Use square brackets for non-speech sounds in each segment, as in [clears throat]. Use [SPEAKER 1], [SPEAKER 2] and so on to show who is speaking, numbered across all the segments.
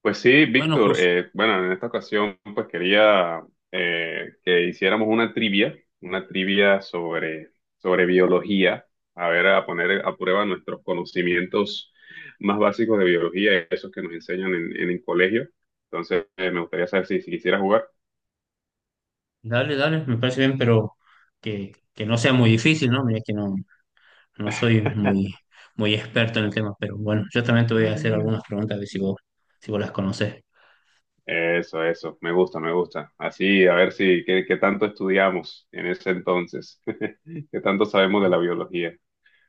[SPEAKER 1] Pues sí,
[SPEAKER 2] Bueno,
[SPEAKER 1] Víctor,
[SPEAKER 2] justo,
[SPEAKER 1] bueno, en esta ocasión pues quería que hiciéramos una trivia sobre, sobre biología, a ver, a poner a prueba nuestros conocimientos más básicos de biología, esos que nos enseñan en el colegio. Entonces, me gustaría saber si quisiera jugar.
[SPEAKER 2] dale, dale, me parece bien, pero que no sea muy difícil, ¿no? Mira que no, no soy muy, muy experto en el tema, pero bueno, yo también te voy a hacer
[SPEAKER 1] Mm.
[SPEAKER 2] algunas preguntas, a ver si vos las conocés.
[SPEAKER 1] Eso, me gusta, me gusta. Así, a ver si, qué tanto estudiamos en ese entonces, [laughs] qué tanto sabemos de la biología.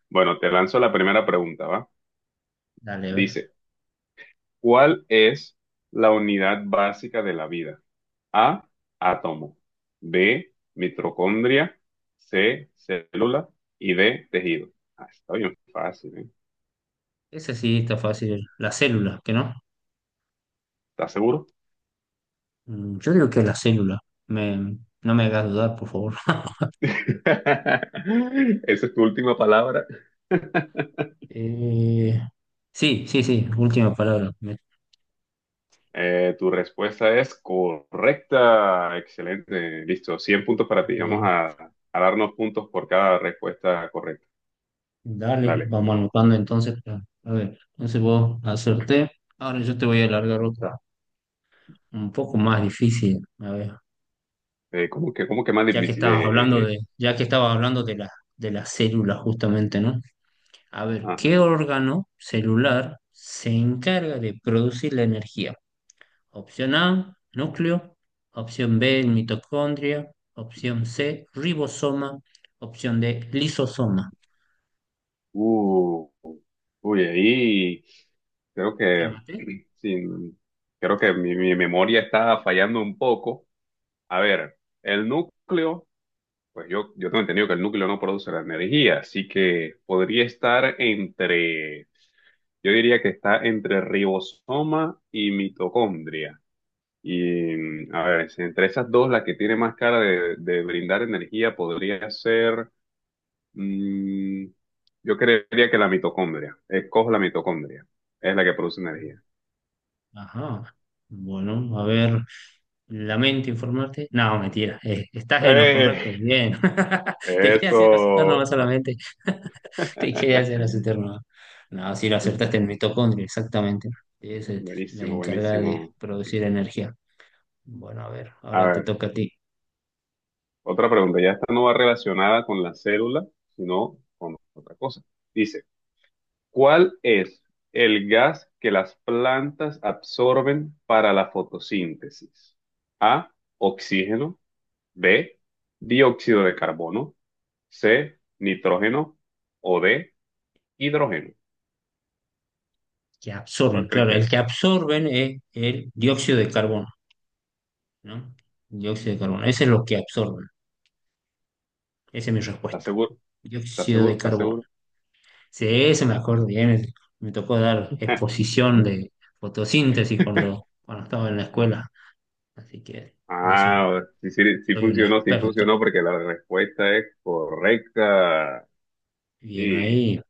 [SPEAKER 1] Bueno, te lanzo la primera pregunta, ¿va?
[SPEAKER 2] Dale, a ver.
[SPEAKER 1] Dice. ¿Cuál es la unidad básica de la vida? A, átomo. B, mitocondria. C, célula. Y D, tejido. Ah, está bien fácil, ¿eh?
[SPEAKER 2] Ese sí está fácil, la célula, ¿qué no?
[SPEAKER 1] ¿Estás seguro?
[SPEAKER 2] Mm, yo digo que la célula, me, no me hagas dudar, por favor. [laughs]
[SPEAKER 1] [laughs] Esa es tu última palabra. [laughs]
[SPEAKER 2] Eh, sí, sí, sí, última palabra. Me-
[SPEAKER 1] Tu respuesta es correcta. Excelente. Listo. 100 puntos para ti. Vamos
[SPEAKER 2] bien,
[SPEAKER 1] a darnos puntos por cada respuesta correcta.
[SPEAKER 2] dale,
[SPEAKER 1] Dale.
[SPEAKER 2] vamos anotando entonces. A ver, entonces vos acerté, ahora yo te voy a alargar otra, un poco más difícil, a ver,
[SPEAKER 1] ¿Cómo que más difícil? Eh. Eh.
[SPEAKER 2] ya que estabas hablando de las células justamente, ¿no? A ver,
[SPEAKER 1] Ajá.
[SPEAKER 2] ¿qué órgano celular se encarga de producir la energía? Opción A, núcleo; opción B, mitocondria; opción C, ribosoma; opción D, lisosoma.
[SPEAKER 1] Uh. Uy, ahí creo
[SPEAKER 2] ¿Te
[SPEAKER 1] que
[SPEAKER 2] maté?
[SPEAKER 1] [clears throat] sin creo que mi memoria está fallando un poco. A ver, el núcleo, pues yo tengo entendido que el núcleo no produce la energía, así que podría estar entre, yo diría que está entre ribosoma y mitocondria. Y a ver, si entre esas dos, la que tiene más cara de brindar energía podría ser, mm, yo creería que la mitocondria. Escojo la mitocondria, es la que produce energía.
[SPEAKER 2] Ajá. Bueno, a ver, lamento informarte. No, mentira, estás en lo correcto,
[SPEAKER 1] Eh,
[SPEAKER 2] bien. [laughs] Te quería hacer asustar nomás
[SPEAKER 1] Eso.
[SPEAKER 2] solamente. [laughs] Te quería hacer
[SPEAKER 1] [laughs]
[SPEAKER 2] acertar una. No, si lo acertaste en mitocondria, exactamente. Es, la
[SPEAKER 1] Buenísimo,
[SPEAKER 2] encargada de
[SPEAKER 1] buenísimo.
[SPEAKER 2] producir energía. Bueno, a ver,
[SPEAKER 1] A
[SPEAKER 2] ahora te
[SPEAKER 1] ver,
[SPEAKER 2] toca a ti.
[SPEAKER 1] otra pregunta. Ya esta no va relacionada con la célula, sino con otra cosa. Dice, ¿cuál es el gas que las plantas absorben para la fotosíntesis? A, oxígeno, B, dióxido de carbono, C, nitrógeno o D, hidrógeno.
[SPEAKER 2] Que
[SPEAKER 1] ¿Cuál
[SPEAKER 2] absorben,
[SPEAKER 1] crees
[SPEAKER 2] claro,
[SPEAKER 1] que
[SPEAKER 2] el que
[SPEAKER 1] es?
[SPEAKER 2] absorben es el dióxido de carbono, ¿no? Dióxido de carbono, ese es lo que absorben. Esa es mi
[SPEAKER 1] ¿Estás
[SPEAKER 2] respuesta.
[SPEAKER 1] seguro? ¿Estás
[SPEAKER 2] Dióxido
[SPEAKER 1] seguro?
[SPEAKER 2] de
[SPEAKER 1] ¿Estás
[SPEAKER 2] carbono.
[SPEAKER 1] seguro?
[SPEAKER 2] Sí, eso me acuerdo bien. Me tocó dar exposición de fotosíntesis
[SPEAKER 1] [laughs]
[SPEAKER 2] cuando estaba en la escuela. Así que de eso
[SPEAKER 1] Ah, sí, sí,
[SPEAKER 2] soy un
[SPEAKER 1] sí
[SPEAKER 2] experto.
[SPEAKER 1] funcionó porque la respuesta es correcta.
[SPEAKER 2] Bien
[SPEAKER 1] Y,
[SPEAKER 2] ahí.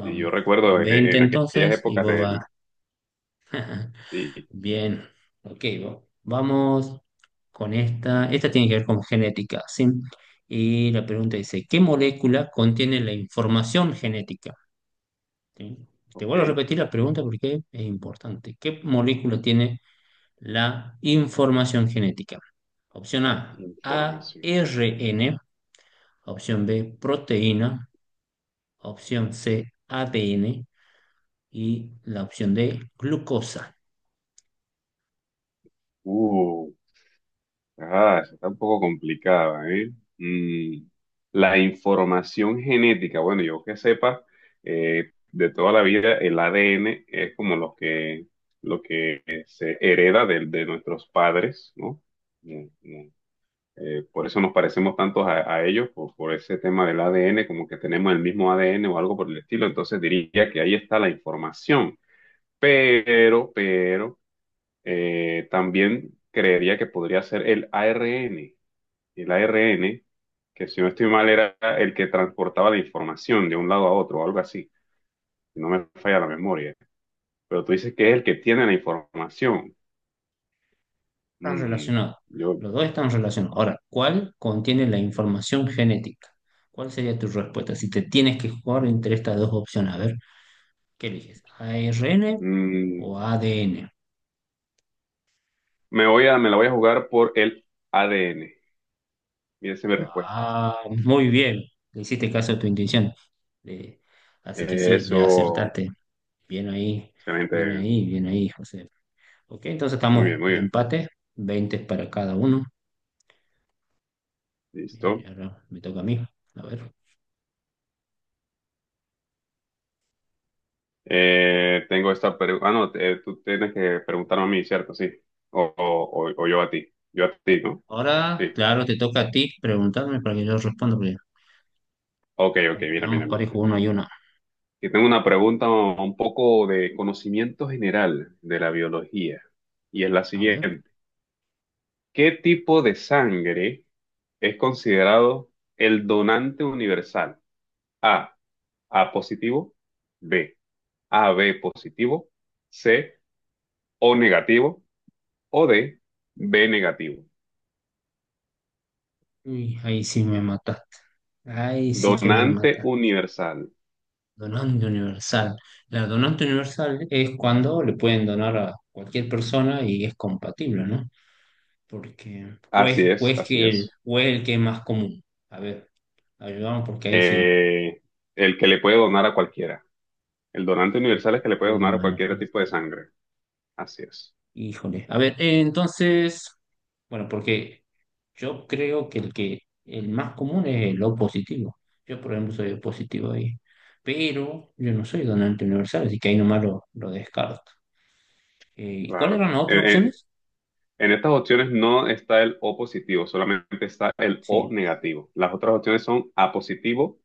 [SPEAKER 1] y yo recuerdo
[SPEAKER 2] 20
[SPEAKER 1] en aquellas
[SPEAKER 2] entonces y
[SPEAKER 1] épocas
[SPEAKER 2] vos vas.
[SPEAKER 1] del...
[SPEAKER 2] [laughs]
[SPEAKER 1] Sí,
[SPEAKER 2] Bien, ok, vamos con esta. Esta tiene que ver con genética, ¿sí? Y la pregunta dice, ¿qué molécula contiene la información genética? ¿Sí? Te
[SPEAKER 1] ok,
[SPEAKER 2] vuelvo a repetir la pregunta porque es importante. ¿Qué molécula tiene la información genética? Opción A, ARN.
[SPEAKER 1] información.
[SPEAKER 2] Opción B, proteína. Opción C, ADN. Y la opción D, glucosa.
[SPEAKER 1] Uh, ah, esa está un poco complicada, ¿eh? Mm, la información genética, bueno, yo que sepa, de toda la vida el ADN es como lo que se hereda de nuestros padres, ¿no? Por eso nos parecemos tantos a ellos, por ese tema del ADN, como que tenemos el mismo ADN o algo por el estilo. Entonces diría que ahí está la información. Pero, también creería que podría ser el ARN. El ARN, que si no estoy mal, era el que transportaba la información de un lado a otro, o algo así. Si no me falla la memoria. Pero tú dices que es el que tiene la información.
[SPEAKER 2] Están
[SPEAKER 1] Mm,
[SPEAKER 2] relacionados.
[SPEAKER 1] yo
[SPEAKER 2] Los dos están relacionados. Ahora, ¿cuál contiene la información genética? ¿Cuál sería tu respuesta si te tienes que jugar entre estas dos opciones? A ver, ¿qué eliges? ¿ARN
[SPEAKER 1] mm,
[SPEAKER 2] o ADN?
[SPEAKER 1] me voy a, me la voy a jugar por el ADN. Y esa es mi respuesta.
[SPEAKER 2] Ah, muy bien. Le hiciste caso a tu intuición. Le- así que sí, le
[SPEAKER 1] Eso,
[SPEAKER 2] acertaste. Bien ahí, bien
[SPEAKER 1] excelente.
[SPEAKER 2] ahí, bien ahí, José. Ok, entonces
[SPEAKER 1] Muy
[SPEAKER 2] estamos
[SPEAKER 1] bien, muy bien.
[SPEAKER 2] empate, 20 para cada uno. Bien,
[SPEAKER 1] Listo.
[SPEAKER 2] ahora me toca a mí. A ver.
[SPEAKER 1] Tengo esta pregunta. Ah, no, tú tienes que preguntarme a mí, ¿cierto? Sí. O, o yo a ti. Yo a ti, ¿no?
[SPEAKER 2] Ahora,
[SPEAKER 1] Sí.
[SPEAKER 2] claro, te toca a ti preguntarme para que yo responda, porque
[SPEAKER 1] Ok, ok,
[SPEAKER 2] ahí
[SPEAKER 1] mira, mira,
[SPEAKER 2] vamos
[SPEAKER 1] mira,
[SPEAKER 2] parejo uno
[SPEAKER 1] mira.
[SPEAKER 2] y una.
[SPEAKER 1] Aquí tengo una pregunta un poco de conocimiento general de la biología. Y es la
[SPEAKER 2] A ver.
[SPEAKER 1] siguiente. ¿Qué tipo de sangre es considerado el donante universal? A, A positivo. B, A B positivo, C O negativo o D B negativo.
[SPEAKER 2] Uy, ahí sí me mataste. Ahí sí que me
[SPEAKER 1] Donante
[SPEAKER 2] mataste.
[SPEAKER 1] universal.
[SPEAKER 2] Donante universal. La donante universal es cuando le pueden donar a cualquier persona y es compatible, ¿no? Porque,
[SPEAKER 1] Así es, así es.
[SPEAKER 2] o es el que es más común. A ver, ayudamos porque ahí sí
[SPEAKER 1] Eh, el que le puede donar a cualquiera. El donante
[SPEAKER 2] se
[SPEAKER 1] universal es que le puede
[SPEAKER 2] puede
[SPEAKER 1] donar a
[SPEAKER 2] donar a
[SPEAKER 1] cualquier
[SPEAKER 2] cualquiera.
[SPEAKER 1] tipo de sangre. Así es.
[SPEAKER 2] Híjole, a ver, entonces, bueno, porque yo creo que el más común es el O positivo. Yo, por ejemplo, soy O positivo ahí, pero yo no soy donante universal, así que ahí nomás lo descarto. ¿Y cuáles
[SPEAKER 1] Claro.
[SPEAKER 2] eran las otras opciones?
[SPEAKER 1] En estas opciones no está el O positivo, solamente está el O
[SPEAKER 2] Sí.
[SPEAKER 1] negativo. Las otras opciones son A positivo,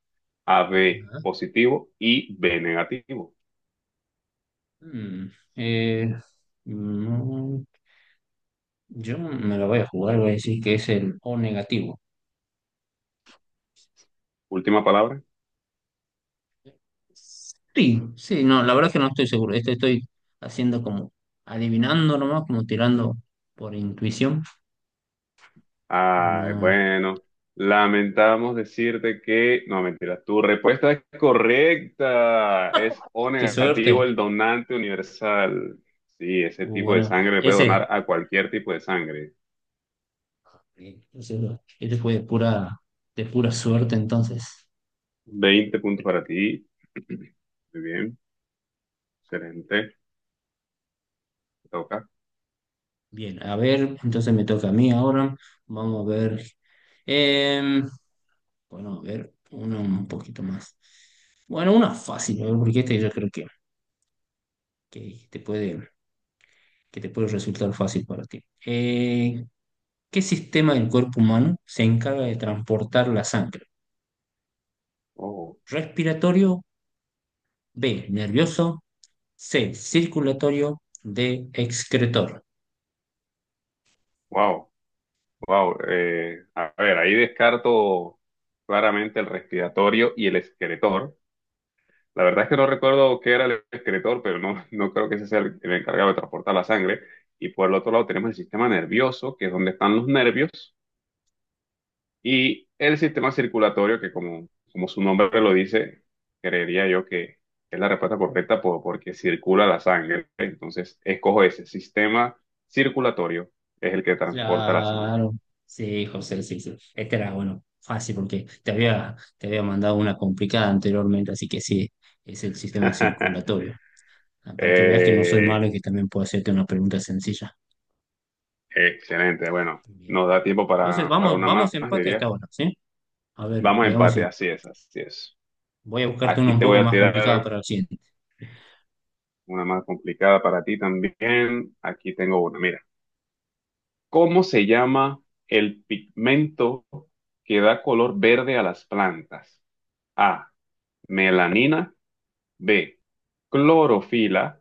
[SPEAKER 1] A B
[SPEAKER 2] Ajá.
[SPEAKER 1] positivo y B negativo.
[SPEAKER 2] Mm, eh, mm, yo me la voy a jugar, voy a decir que es el O negativo.
[SPEAKER 1] Última palabra.
[SPEAKER 2] Sí, sí, no, la verdad es que no estoy seguro. Esto estoy haciendo como adivinando nomás, como tirando por intuición, pero
[SPEAKER 1] Ay,
[SPEAKER 2] no.
[SPEAKER 1] bueno, lamentamos decirte que, no, mentira, tu respuesta es correcta. Es O
[SPEAKER 2] Qué
[SPEAKER 1] negativo el
[SPEAKER 2] suerte.
[SPEAKER 1] donante universal. Sí, ese tipo de
[SPEAKER 2] Bueno,
[SPEAKER 1] sangre le puede donar
[SPEAKER 2] ese,
[SPEAKER 1] a cualquier tipo de sangre.
[SPEAKER 2] ese este fue de pura suerte entonces.
[SPEAKER 1] 20 puntos para ti. [clears throat] Muy bien, excelente. Te toca.
[SPEAKER 2] Bien, a ver, entonces me toca a mí ahora. Vamos a ver. em, bueno, a ver, uno un poquito más. Bueno, una fácil, a ver, porque este yo creo que te puede, que te puede resultar fácil para ti. Eh, ¿Qué sistema del cuerpo humano se encarga de transportar la sangre?
[SPEAKER 1] Oh,
[SPEAKER 2] Respiratorio; B, nervioso; C, circulatorio; D, excretor.
[SPEAKER 1] wow, wow. Eh, a ver, ahí descarto claramente el respiratorio y el esqueletor. La verdad es que no recuerdo qué era el excretor, pero no, [laughs] no creo que ese sea el encargado de transportar la sangre. Y por el otro lado tenemos el sistema nervioso, que es donde están los nervios, y el sistema circulatorio, que como, como su nombre lo dice, creería yo que es la respuesta correcta porque circula la sangre. Entonces, escojo ese sistema circulatorio, es el que transporta la sangre.
[SPEAKER 2] Claro. Sí, José, sí, sí. Este era, bueno, fácil porque te había mandado una complicada anteriormente, así que sí, es el sistema
[SPEAKER 1] [laughs]
[SPEAKER 2] circulatorio. Ah, para que veas que no soy
[SPEAKER 1] Eh,
[SPEAKER 2] malo y que también puedo hacerte una pregunta sencilla.
[SPEAKER 1] Excelente, bueno,
[SPEAKER 2] Bien.
[SPEAKER 1] nos da tiempo
[SPEAKER 2] Entonces,
[SPEAKER 1] para
[SPEAKER 2] vamos,
[SPEAKER 1] una
[SPEAKER 2] vamos
[SPEAKER 1] más,
[SPEAKER 2] empate hasta
[SPEAKER 1] diría.
[SPEAKER 2] ahora, ¿sí? A ver,
[SPEAKER 1] Vamos a
[SPEAKER 2] veamos
[SPEAKER 1] empate,
[SPEAKER 2] si.
[SPEAKER 1] así es, así es.
[SPEAKER 2] Voy a buscarte uno
[SPEAKER 1] Aquí
[SPEAKER 2] un
[SPEAKER 1] te voy
[SPEAKER 2] poco
[SPEAKER 1] a
[SPEAKER 2] más complicado
[SPEAKER 1] tirar
[SPEAKER 2] para el siguiente.
[SPEAKER 1] una más complicada para ti también. Aquí tengo una. Mira, ¿cómo se llama el pigmento que da color verde a las plantas? A, melanina, B, clorofila,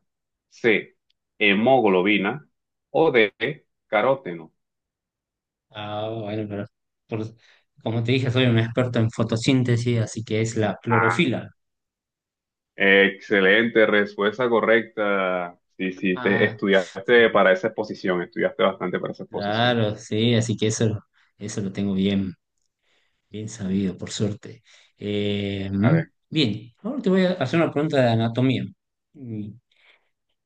[SPEAKER 1] C, hemoglobina o D, caróteno.
[SPEAKER 2] Ah, bueno, pero por- como te dije, soy un experto en fotosíntesis, así que es la
[SPEAKER 1] Ah,
[SPEAKER 2] clorofila.
[SPEAKER 1] excelente, respuesta correcta. Sí, sí, te
[SPEAKER 2] Ah,
[SPEAKER 1] estudiaste
[SPEAKER 2] sí,
[SPEAKER 1] para esa exposición, estudiaste bastante para esa exposición.
[SPEAKER 2] claro, sí, así que eso, eso lo tengo bien, bien sabido, por suerte. Eh,
[SPEAKER 1] A
[SPEAKER 2] mm,
[SPEAKER 1] ver.
[SPEAKER 2] bien, ahora te voy a hacer una pregunta de anatomía. Mm,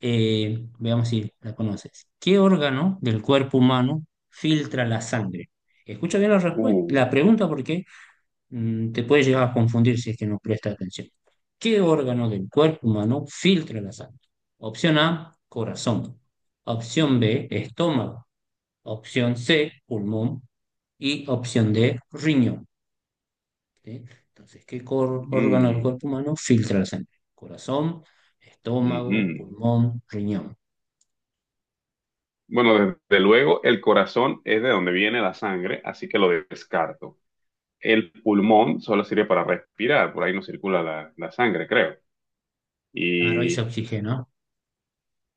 [SPEAKER 2] veamos si la conoces. ¿Qué órgano del cuerpo humano filtra la sangre? Escucha bien la respuesta,
[SPEAKER 1] Uh,
[SPEAKER 2] la pregunta, porque te puede llegar a confundir si es que no presta atención. ¿Qué órgano del cuerpo humano filtra la sangre? Opción A, corazón. Opción B, estómago. Opción C, pulmón. Y opción D, riñón. ¿Sí? Entonces, ¿qué órgano del
[SPEAKER 1] mm.
[SPEAKER 2] cuerpo humano filtra la sangre? Corazón, estómago,
[SPEAKER 1] Ujú.
[SPEAKER 2] pulmón, riñón.
[SPEAKER 1] Bueno, desde luego el corazón es de donde viene la sangre, así que lo descarto. El pulmón solo sirve para respirar, por ahí no circula la, la sangre, creo.
[SPEAKER 2] Claro, ahí se oxigena.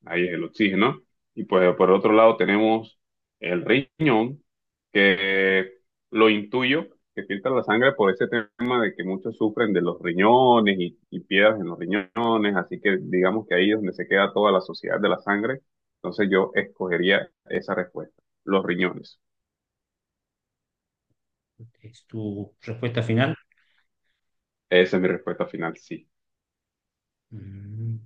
[SPEAKER 1] Ahí es el oxígeno. Y pues por otro lado tenemos el riñón, que lo intuyo, que filtra la sangre por ese tema de que muchos sufren de los riñones y piedras en los riñones, así que digamos que ahí es donde se queda toda la sociedad de la sangre. Entonces yo escogería esa respuesta, los riñones.
[SPEAKER 2] ¿Es tu respuesta final?
[SPEAKER 1] Esa es mi respuesta final, sí.
[SPEAKER 2] Mm,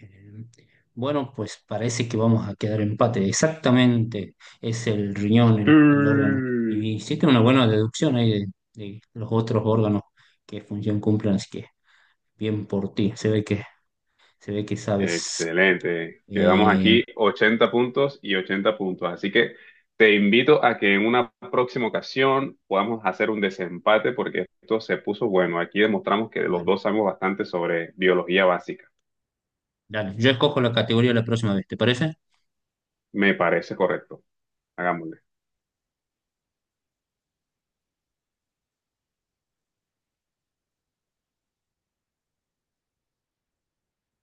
[SPEAKER 2] bien. Bueno, pues parece que vamos a quedar empate. Exactamente, es el riñón,
[SPEAKER 1] Sí.
[SPEAKER 2] el órgano. Y hiciste una buena deducción ahí de los otros órganos que función cumplen, así que bien por ti. Se ve que sabes.
[SPEAKER 1] Excelente. Quedamos
[SPEAKER 2] Eh,
[SPEAKER 1] aquí 80 puntos y 80 puntos. Así que te invito a que en una próxima ocasión podamos hacer un desempate porque esto se puso bueno. Aquí demostramos que los
[SPEAKER 2] bueno,
[SPEAKER 1] dos sabemos bastante sobre biología básica.
[SPEAKER 2] dale, yo escojo la categoría la próxima vez, ¿te parece?
[SPEAKER 1] Me parece correcto. Hagámoslo.